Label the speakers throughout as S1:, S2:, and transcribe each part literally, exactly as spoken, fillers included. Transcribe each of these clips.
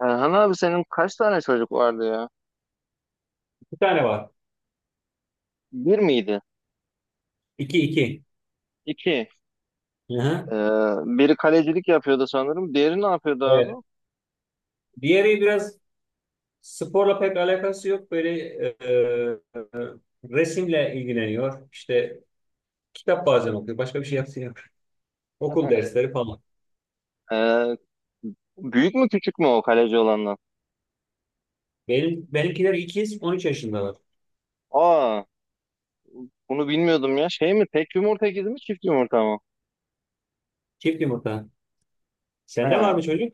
S1: Erhan abi, senin kaç tane çocuk vardı ya?
S2: Bir tane var.
S1: Bir miydi?
S2: İki iki.
S1: İki.
S2: Hı hı.
S1: Ee, biri kalecilik yapıyordu sanırım. Diğeri ne yapıyordu abi?
S2: Evet. Diğeri biraz sporla pek alakası yok. Böyle e, e, resimle ilgileniyor. İşte kitap bazen okuyor. Başka bir şey yapmıyor. Okul dersleri falan.
S1: Ee, büyük mü küçük mü o kaleci olandan?
S2: Benim, benimkiler ikiz on üç yaşındalar.
S1: Aa, bunu bilmiyordum ya. Şey mi? Tek yumurta ikizi mi? Çift yumurta mı?
S2: Çift yumurta. Sende
S1: He.
S2: var mı çocuk?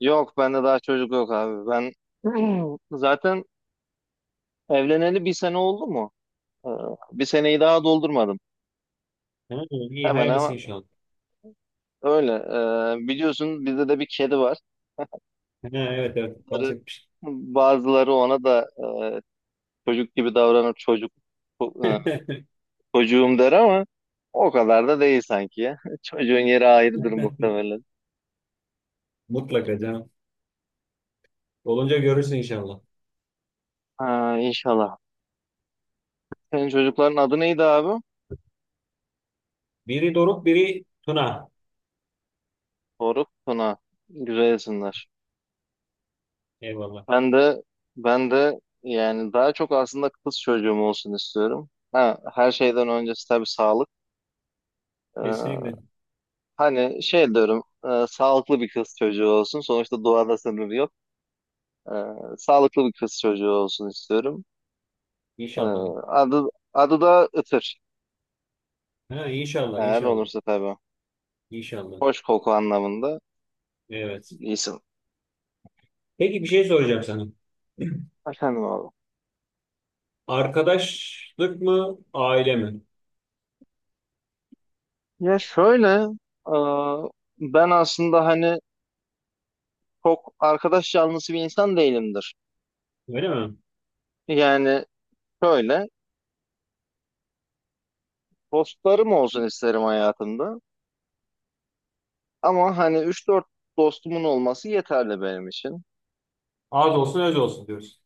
S1: Yok, bende daha çocuk yok abi. Ben zaten evleneli bir sene oldu mu? Ee, bir seneyi daha doldurmadım.
S2: Ha, iyi
S1: Hemen
S2: hayırlısı
S1: ama
S2: inşallah.
S1: öyle. Ee, biliyorsun bizde de bir kedi var.
S2: Ha, evet evet
S1: Bunları-
S2: bahsetmiş.
S1: Bazıları ona da e, Çocuk gibi davranıp çocuk e, çocuğum der ama o kadar da değil sanki ya. Çocuğun yeri ayrıdır muhtemelen.
S2: Mutlaka canım. Olunca görürsün inşallah.
S1: Ha, inşallah. Senin çocukların adı neydi abi?
S2: Biri Doruk, biri Tuna.
S1: Doruk, Tuna. Güzel isimler.
S2: Eyvallah.
S1: Ben de ben de yani daha çok aslında kız çocuğum olsun istiyorum. Ha, her şeyden öncesi tabii sağlık. Ee,
S2: Kesinlikle.
S1: hani şey diyorum, e, sağlıklı bir kız çocuğu olsun. Sonuçta doğada sınır yok. Ee, sağlıklı bir kız çocuğu olsun istiyorum. Ee,
S2: İnşallah.
S1: adı, adı da Itır.
S2: Ha, inşallah,
S1: Eğer
S2: inşallah.
S1: olursa tabii.
S2: İnşallah.
S1: Hoş koku anlamında
S2: Evet.
S1: bir isim.
S2: Peki bir şey soracağım sana.
S1: Efendim abi.
S2: Arkadaşlık mı, aile mi?
S1: Ya şöyle, e, ben aslında hani çok arkadaş canlısı bir insan değilimdir.
S2: Öyle mi?
S1: Yani şöyle, dostlarım olsun isterim hayatımda. Ama hani üç dört dostumun olması yeterli benim için.
S2: Az olsun öz olsun diyoruz.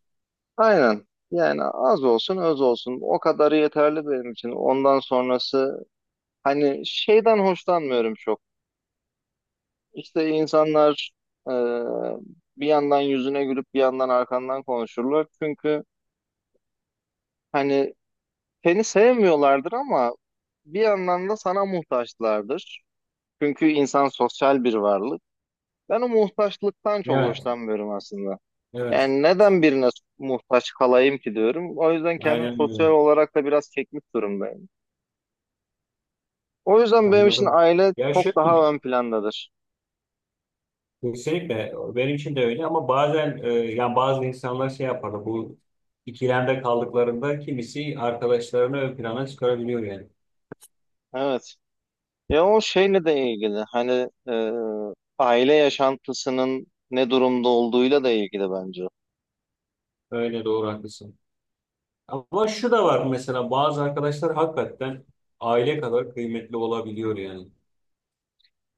S1: Aynen. Yani az olsun, öz olsun. O kadarı yeterli benim için. Ondan sonrası hani şeyden hoşlanmıyorum çok. İşte insanlar e, bir yandan yüzüne gülüp bir yandan arkandan konuşurlar. Çünkü hani seni sevmiyorlardır ama bir yandan da sana muhtaçlardır. Çünkü insan sosyal bir varlık. Ben o muhtaçlıktan çok
S2: Evet,
S1: hoşlanmıyorum aslında.
S2: evet.
S1: Yani neden birine muhtaç kalayım ki diyorum. O yüzden kendim
S2: Aynen öyle.
S1: sosyal olarak da biraz çekmiş durumdayım. O yüzden benim için
S2: Anladım.
S1: aile
S2: Ya
S1: çok
S2: şöyle,
S1: daha ön plandadır.
S2: kesinlikle benim için de öyle ama bazen e, yani bazı insanlar şey yapar bu ikilemde kaldıklarında kimisi arkadaşlarını ön plana çıkarabiliyor yani.
S1: Evet. Ya, o şeyle de ilgili hani e, aile yaşantısının ne durumda olduğuyla da ilgili bence.
S2: Öyle doğru haklısın. Ama şu da var mesela bazı arkadaşlar hakikaten aile kadar kıymetli olabiliyor yani.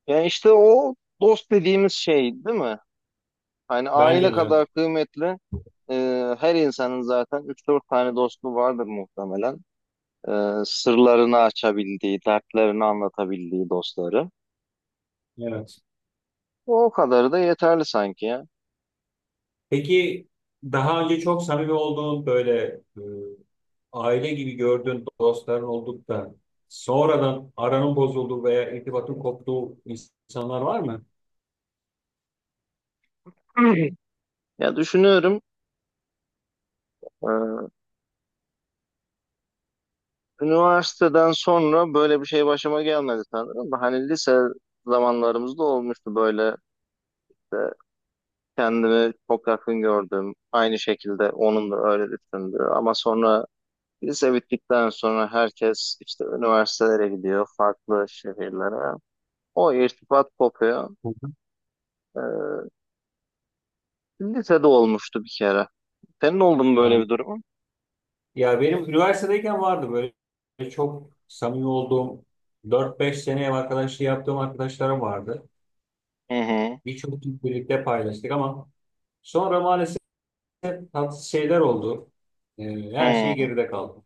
S1: Ya işte o dost dediğimiz şey değil mi? Hani
S2: Bence de
S1: aile
S2: evet.
S1: kadar kıymetli, e, her insanın zaten üç dört tane dostu vardır muhtemelen. E, sırlarını açabildiği, dertlerini anlatabildiği dostları.
S2: Evet.
S1: O kadarı da yeterli sanki ya.
S2: Peki daha önce çok samimi olduğun böyle e, aile gibi gördüğün dostların olduk da sonradan aranın bozulduğu veya irtibatın koptuğu insanlar var mı?
S1: Ya, düşünüyorum. e, Üniversiteden sonra böyle bir şey başıma gelmedi sanırım da hani lise zamanlarımızda olmuştu böyle, işte kendimi çok yakın gördüm. Aynı şekilde onun da öyle düşündü ama sonra lise bittikten sonra herkes işte üniversitelere gidiyor farklı şehirlere. O irtibat kopuyor.
S2: Hı hı.
S1: Ee, lisede olmuştu bir kere. Senin oldu mu böyle
S2: Ben-
S1: bir durumun?
S2: ya benim üniversitedeyken vardı böyle çok samimi olduğum dört beş sene ev arkadaşlığı yaptığım arkadaşlarım vardı.
S1: Hı hı.
S2: Birçok gün birlikte paylaştık ama sonra maalesef tatsız şeyler oldu. E, her şey
S1: Hı.
S2: geride kaldı.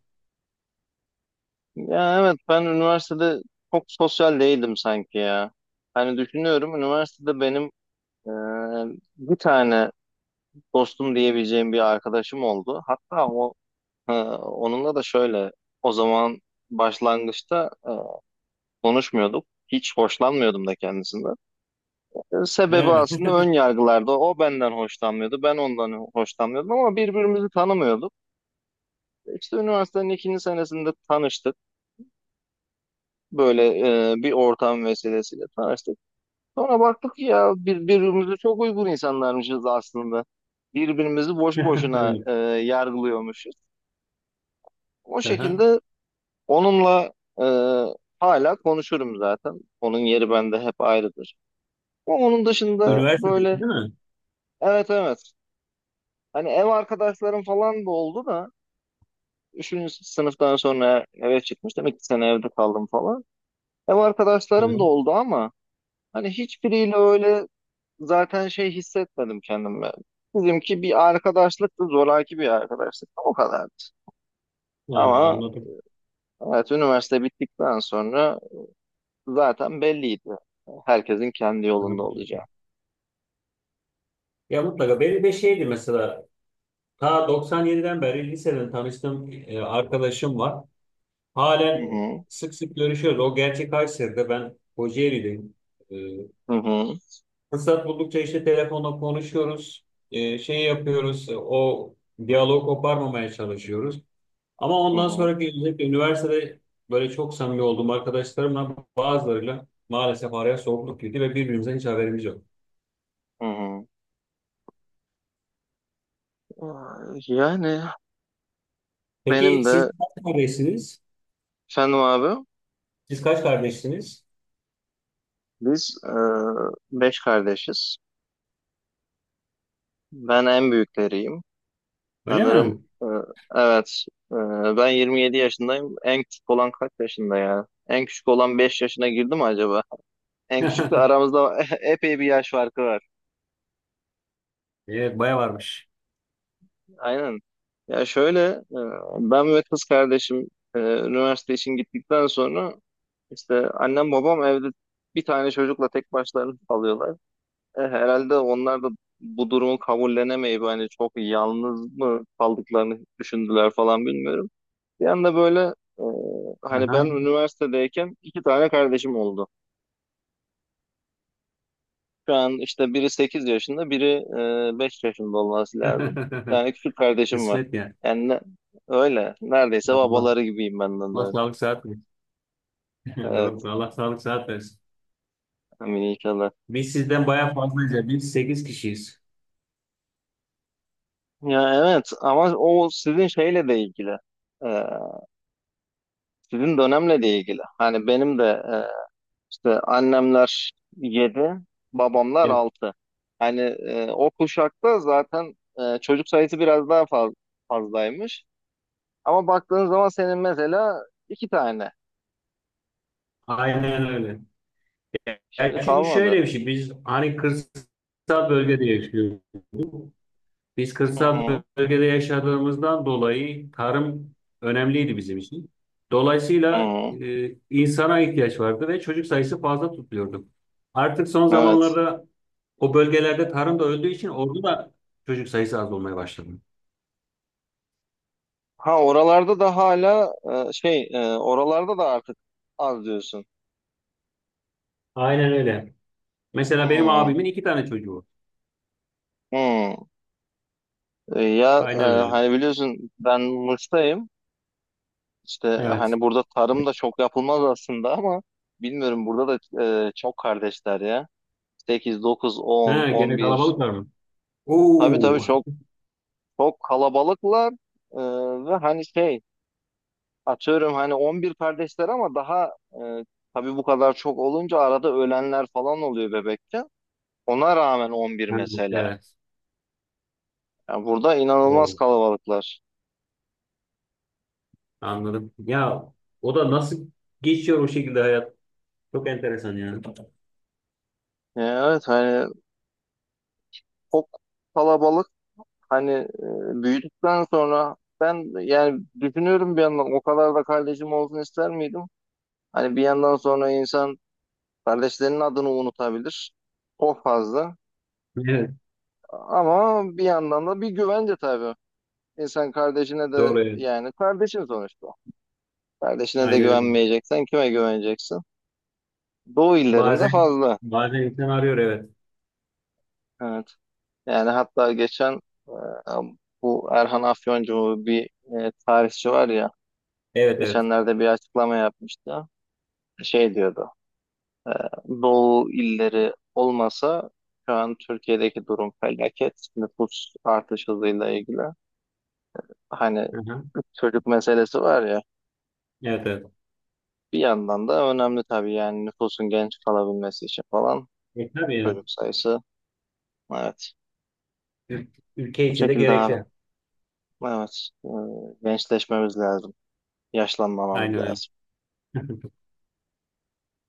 S1: Ya evet, ben üniversitede çok sosyal değildim sanki ya. Hani düşünüyorum, üniversitede benim e, bir tane dostum diyebileceğim bir arkadaşım oldu. Hatta o e, onunla da şöyle, o zaman başlangıçta e, konuşmuyorduk. Hiç hoşlanmıyordum da kendisinden. E, sebebi
S2: Yani.
S1: aslında ön yargılarda. O benden hoşlanmıyordu, ben ondan hoşlanmıyordum ama birbirimizi tanımıyorduk. İşte üniversitenin ikinci senesinde tanıştık. Böyle e, bir ortam vesilesiyle tanıştık. Sonra baktık ki ya, bir- birbirimize çok uygun insanlarmışız aslında. Birbirimizi boş boşuna e, yargılıyormuşuz. O
S2: Evet.
S1: şekilde onunla e, hala konuşurum zaten. Onun yeri bende hep ayrıdır. Ama onun dışında
S2: Üniversitedeki
S1: böyle,
S2: değil mi?
S1: evet evet. Hani ev arkadaşlarım falan da oldu da üçüncü sınıftan sonra eve çıkmıştım. iki sene evde kaldım falan. Ev
S2: Hı
S1: arkadaşlarım da
S2: hı.
S1: oldu ama hani hiçbiriyle öyle zaten şey hissetmedim kendimi. Bizimki bir arkadaşlıktı, zoraki bir arkadaşlık. O kadar.
S2: Ha,
S1: Ama
S2: anladım.
S1: evet, üniversite bittikten sonra zaten belliydi, herkesin kendi yolunda olacağı.
S2: Anladım. Ya mutlaka benim de şeydi mesela ta doksan yediden beri liseden tanıştığım e, arkadaşım var.
S1: Hı
S2: Halen
S1: hı,
S2: sık sık görüşüyoruz. O gerçek Kayseri'de ben Kocaeli'deyim. E,
S1: hı hı,
S2: fırsat buldukça işte telefonla konuşuyoruz. E, şey yapıyoruz. e, O diyaloğu koparmamaya çalışıyoruz. Ama
S1: hı
S2: ondan
S1: hı,
S2: sonraki özellikle üniversitede böyle çok samimi olduğum arkadaşlarımla bazılarıyla maalesef araya soğukluk girdi ve birbirimizden hiç haberimiz yok.
S1: hı hı. Yani
S2: Peki
S1: benim
S2: siz
S1: de,
S2: kaç kardeşsiniz?
S1: Fenu abi,
S2: Siz kaç kardeşsiniz?
S1: biz e, beş kardeşiz. Ben en büyükleriyim.
S2: Öyle
S1: Sanırım
S2: mi?
S1: e, evet. E, ben yirmi yedi yaşındayım. En küçük olan kaç yaşında ya? En küçük olan beş yaşına girdi mi acaba? En küçükle aramızda epey bir yaş farkı var.
S2: Evet, baya varmış.
S1: Aynen. Ya şöyle, e, ben ve kız kardeşim e, üniversite için gittikten sonra, işte annem babam evde bir tane çocukla tek başlarına kalıyorlar. E, herhalde onlar da bu durumu kabullenemeyip hani çok yalnız mı kaldıklarını düşündüler falan, bilmiyorum. Bir anda böyle e, hani ben
S2: Aha.
S1: üniversitedeyken iki tane kardeşim oldu. Şu an işte biri sekiz yaşında, biri e, beş yaşında olması lazım. İki tane küçük kardeşim var.
S2: Kısmet ya.
S1: Yani ne- öyle. Neredeyse
S2: Allah,
S1: babaları gibiyim ben de
S2: Allah
S1: onların.
S2: sağlık sıhhat versin.
S1: Evet.
S2: Doğru. Allah sağlık sıhhat versin.
S1: Amin inşallah.
S2: Biz sizden baya fazlayız. Biz sekiz kişiyiz.
S1: Ya evet, ama o sizin şeyle de ilgili. E, sizin dönemle de ilgili. Hani benim de e, İşte annemler yedi, babamlar
S2: Evet,
S1: altı. Hani e, o kuşakta zaten e, çocuk sayısı biraz daha faz- fazlaymış. Ama baktığın zaman senin mesela iki tane.
S2: aynen öyle. Ya
S1: Şimdi
S2: çünkü
S1: kalmadı.
S2: şöyle bir şey. Biz hani kırsal bölgede yaşıyoruz. Biz
S1: Hı
S2: kırsal
S1: hı.
S2: bölgede yaşadığımızdan dolayı tarım önemliydi bizim için.
S1: Hı
S2: Dolayısıyla
S1: hı.
S2: e, insana ihtiyaç vardı ve çocuk sayısı fazla tutuluyordu. Artık son
S1: Evet.
S2: zamanlarda o bölgelerde tarım da öldüğü için orada da çocuk sayısı az olmaya başladı.
S1: Ha, oralarda da hala, e, şey e, oralarda da artık az diyorsun.
S2: Aynen öyle. Mesela benim
S1: Hı
S2: abimin iki tane çocuğu var.
S1: hı. E, ya e,
S2: Aynen öyle.
S1: hani biliyorsun, ben Mısır'dayım. İşte
S2: Evet.
S1: hani burada tarım da çok yapılmaz aslında ama bilmiyorum, burada da e, çok kardeşler ya. Sekiz, dokuz, on,
S2: Ha,
S1: on
S2: gene
S1: bir.
S2: kalabalıklar mı?
S1: Tabii tabii,
S2: Oo.
S1: çok çok kalabalıklar. E, ve hani şey, atıyorum hani on bir kardeşler ama daha e, tabii bu kadar çok olunca arada ölenler falan oluyor bebekte. Ona rağmen on bir
S2: Ha,
S1: mesela.
S2: evet.
S1: Yani burada inanılmaz
S2: Oo.
S1: kalabalıklar.
S2: Anladım. Ya o da nasıl geçiyor o şekilde hayat? Çok enteresan yani.
S1: E, evet, hani çok kalabalık. Hani e, büyüdükten sonra ben yani düşünüyorum, bir yandan o kadar da kardeşim olsun ister miydim? Hani bir yandan sonra insan kardeşlerinin adını unutabilir. Çok fazla.
S2: Evet,
S1: Ama bir yandan da bir güvence tabii. İnsan kardeşine de,
S2: doğru evet.
S1: yani kardeşin sonuçta. Kardeşine de
S2: Aynen öyle.
S1: güvenmeyeceksen kime güveneceksin? Doğu illerinde
S2: Bazen
S1: fazla.
S2: bazen insan arıyor evet.
S1: Evet. Yani hatta geçen e, bu Erhan Afyoncu, bir e, tarihçi var ya,
S2: Evet evet.
S1: geçenlerde bir açıklama yapmıştı. Şey diyordu. e, Doğu illeri olmasa şu an Türkiye'deki durum felaket. Nüfus artış hızıyla ilgili. Hani
S2: Hı hı.
S1: çocuk meselesi var ya.
S2: Evet evet.
S1: Bir yandan da önemli tabii, yani nüfusun genç kalabilmesi için falan
S2: E, tabii evet.
S1: çocuk sayısı. Evet.
S2: Ül- Ülke
S1: Bu
S2: içinde
S1: şekilde abi.
S2: gerekli.
S1: Evet. e, Gençleşmemiz lazım. Yaşlanmamamız
S2: Aynen öyle.
S1: lazım.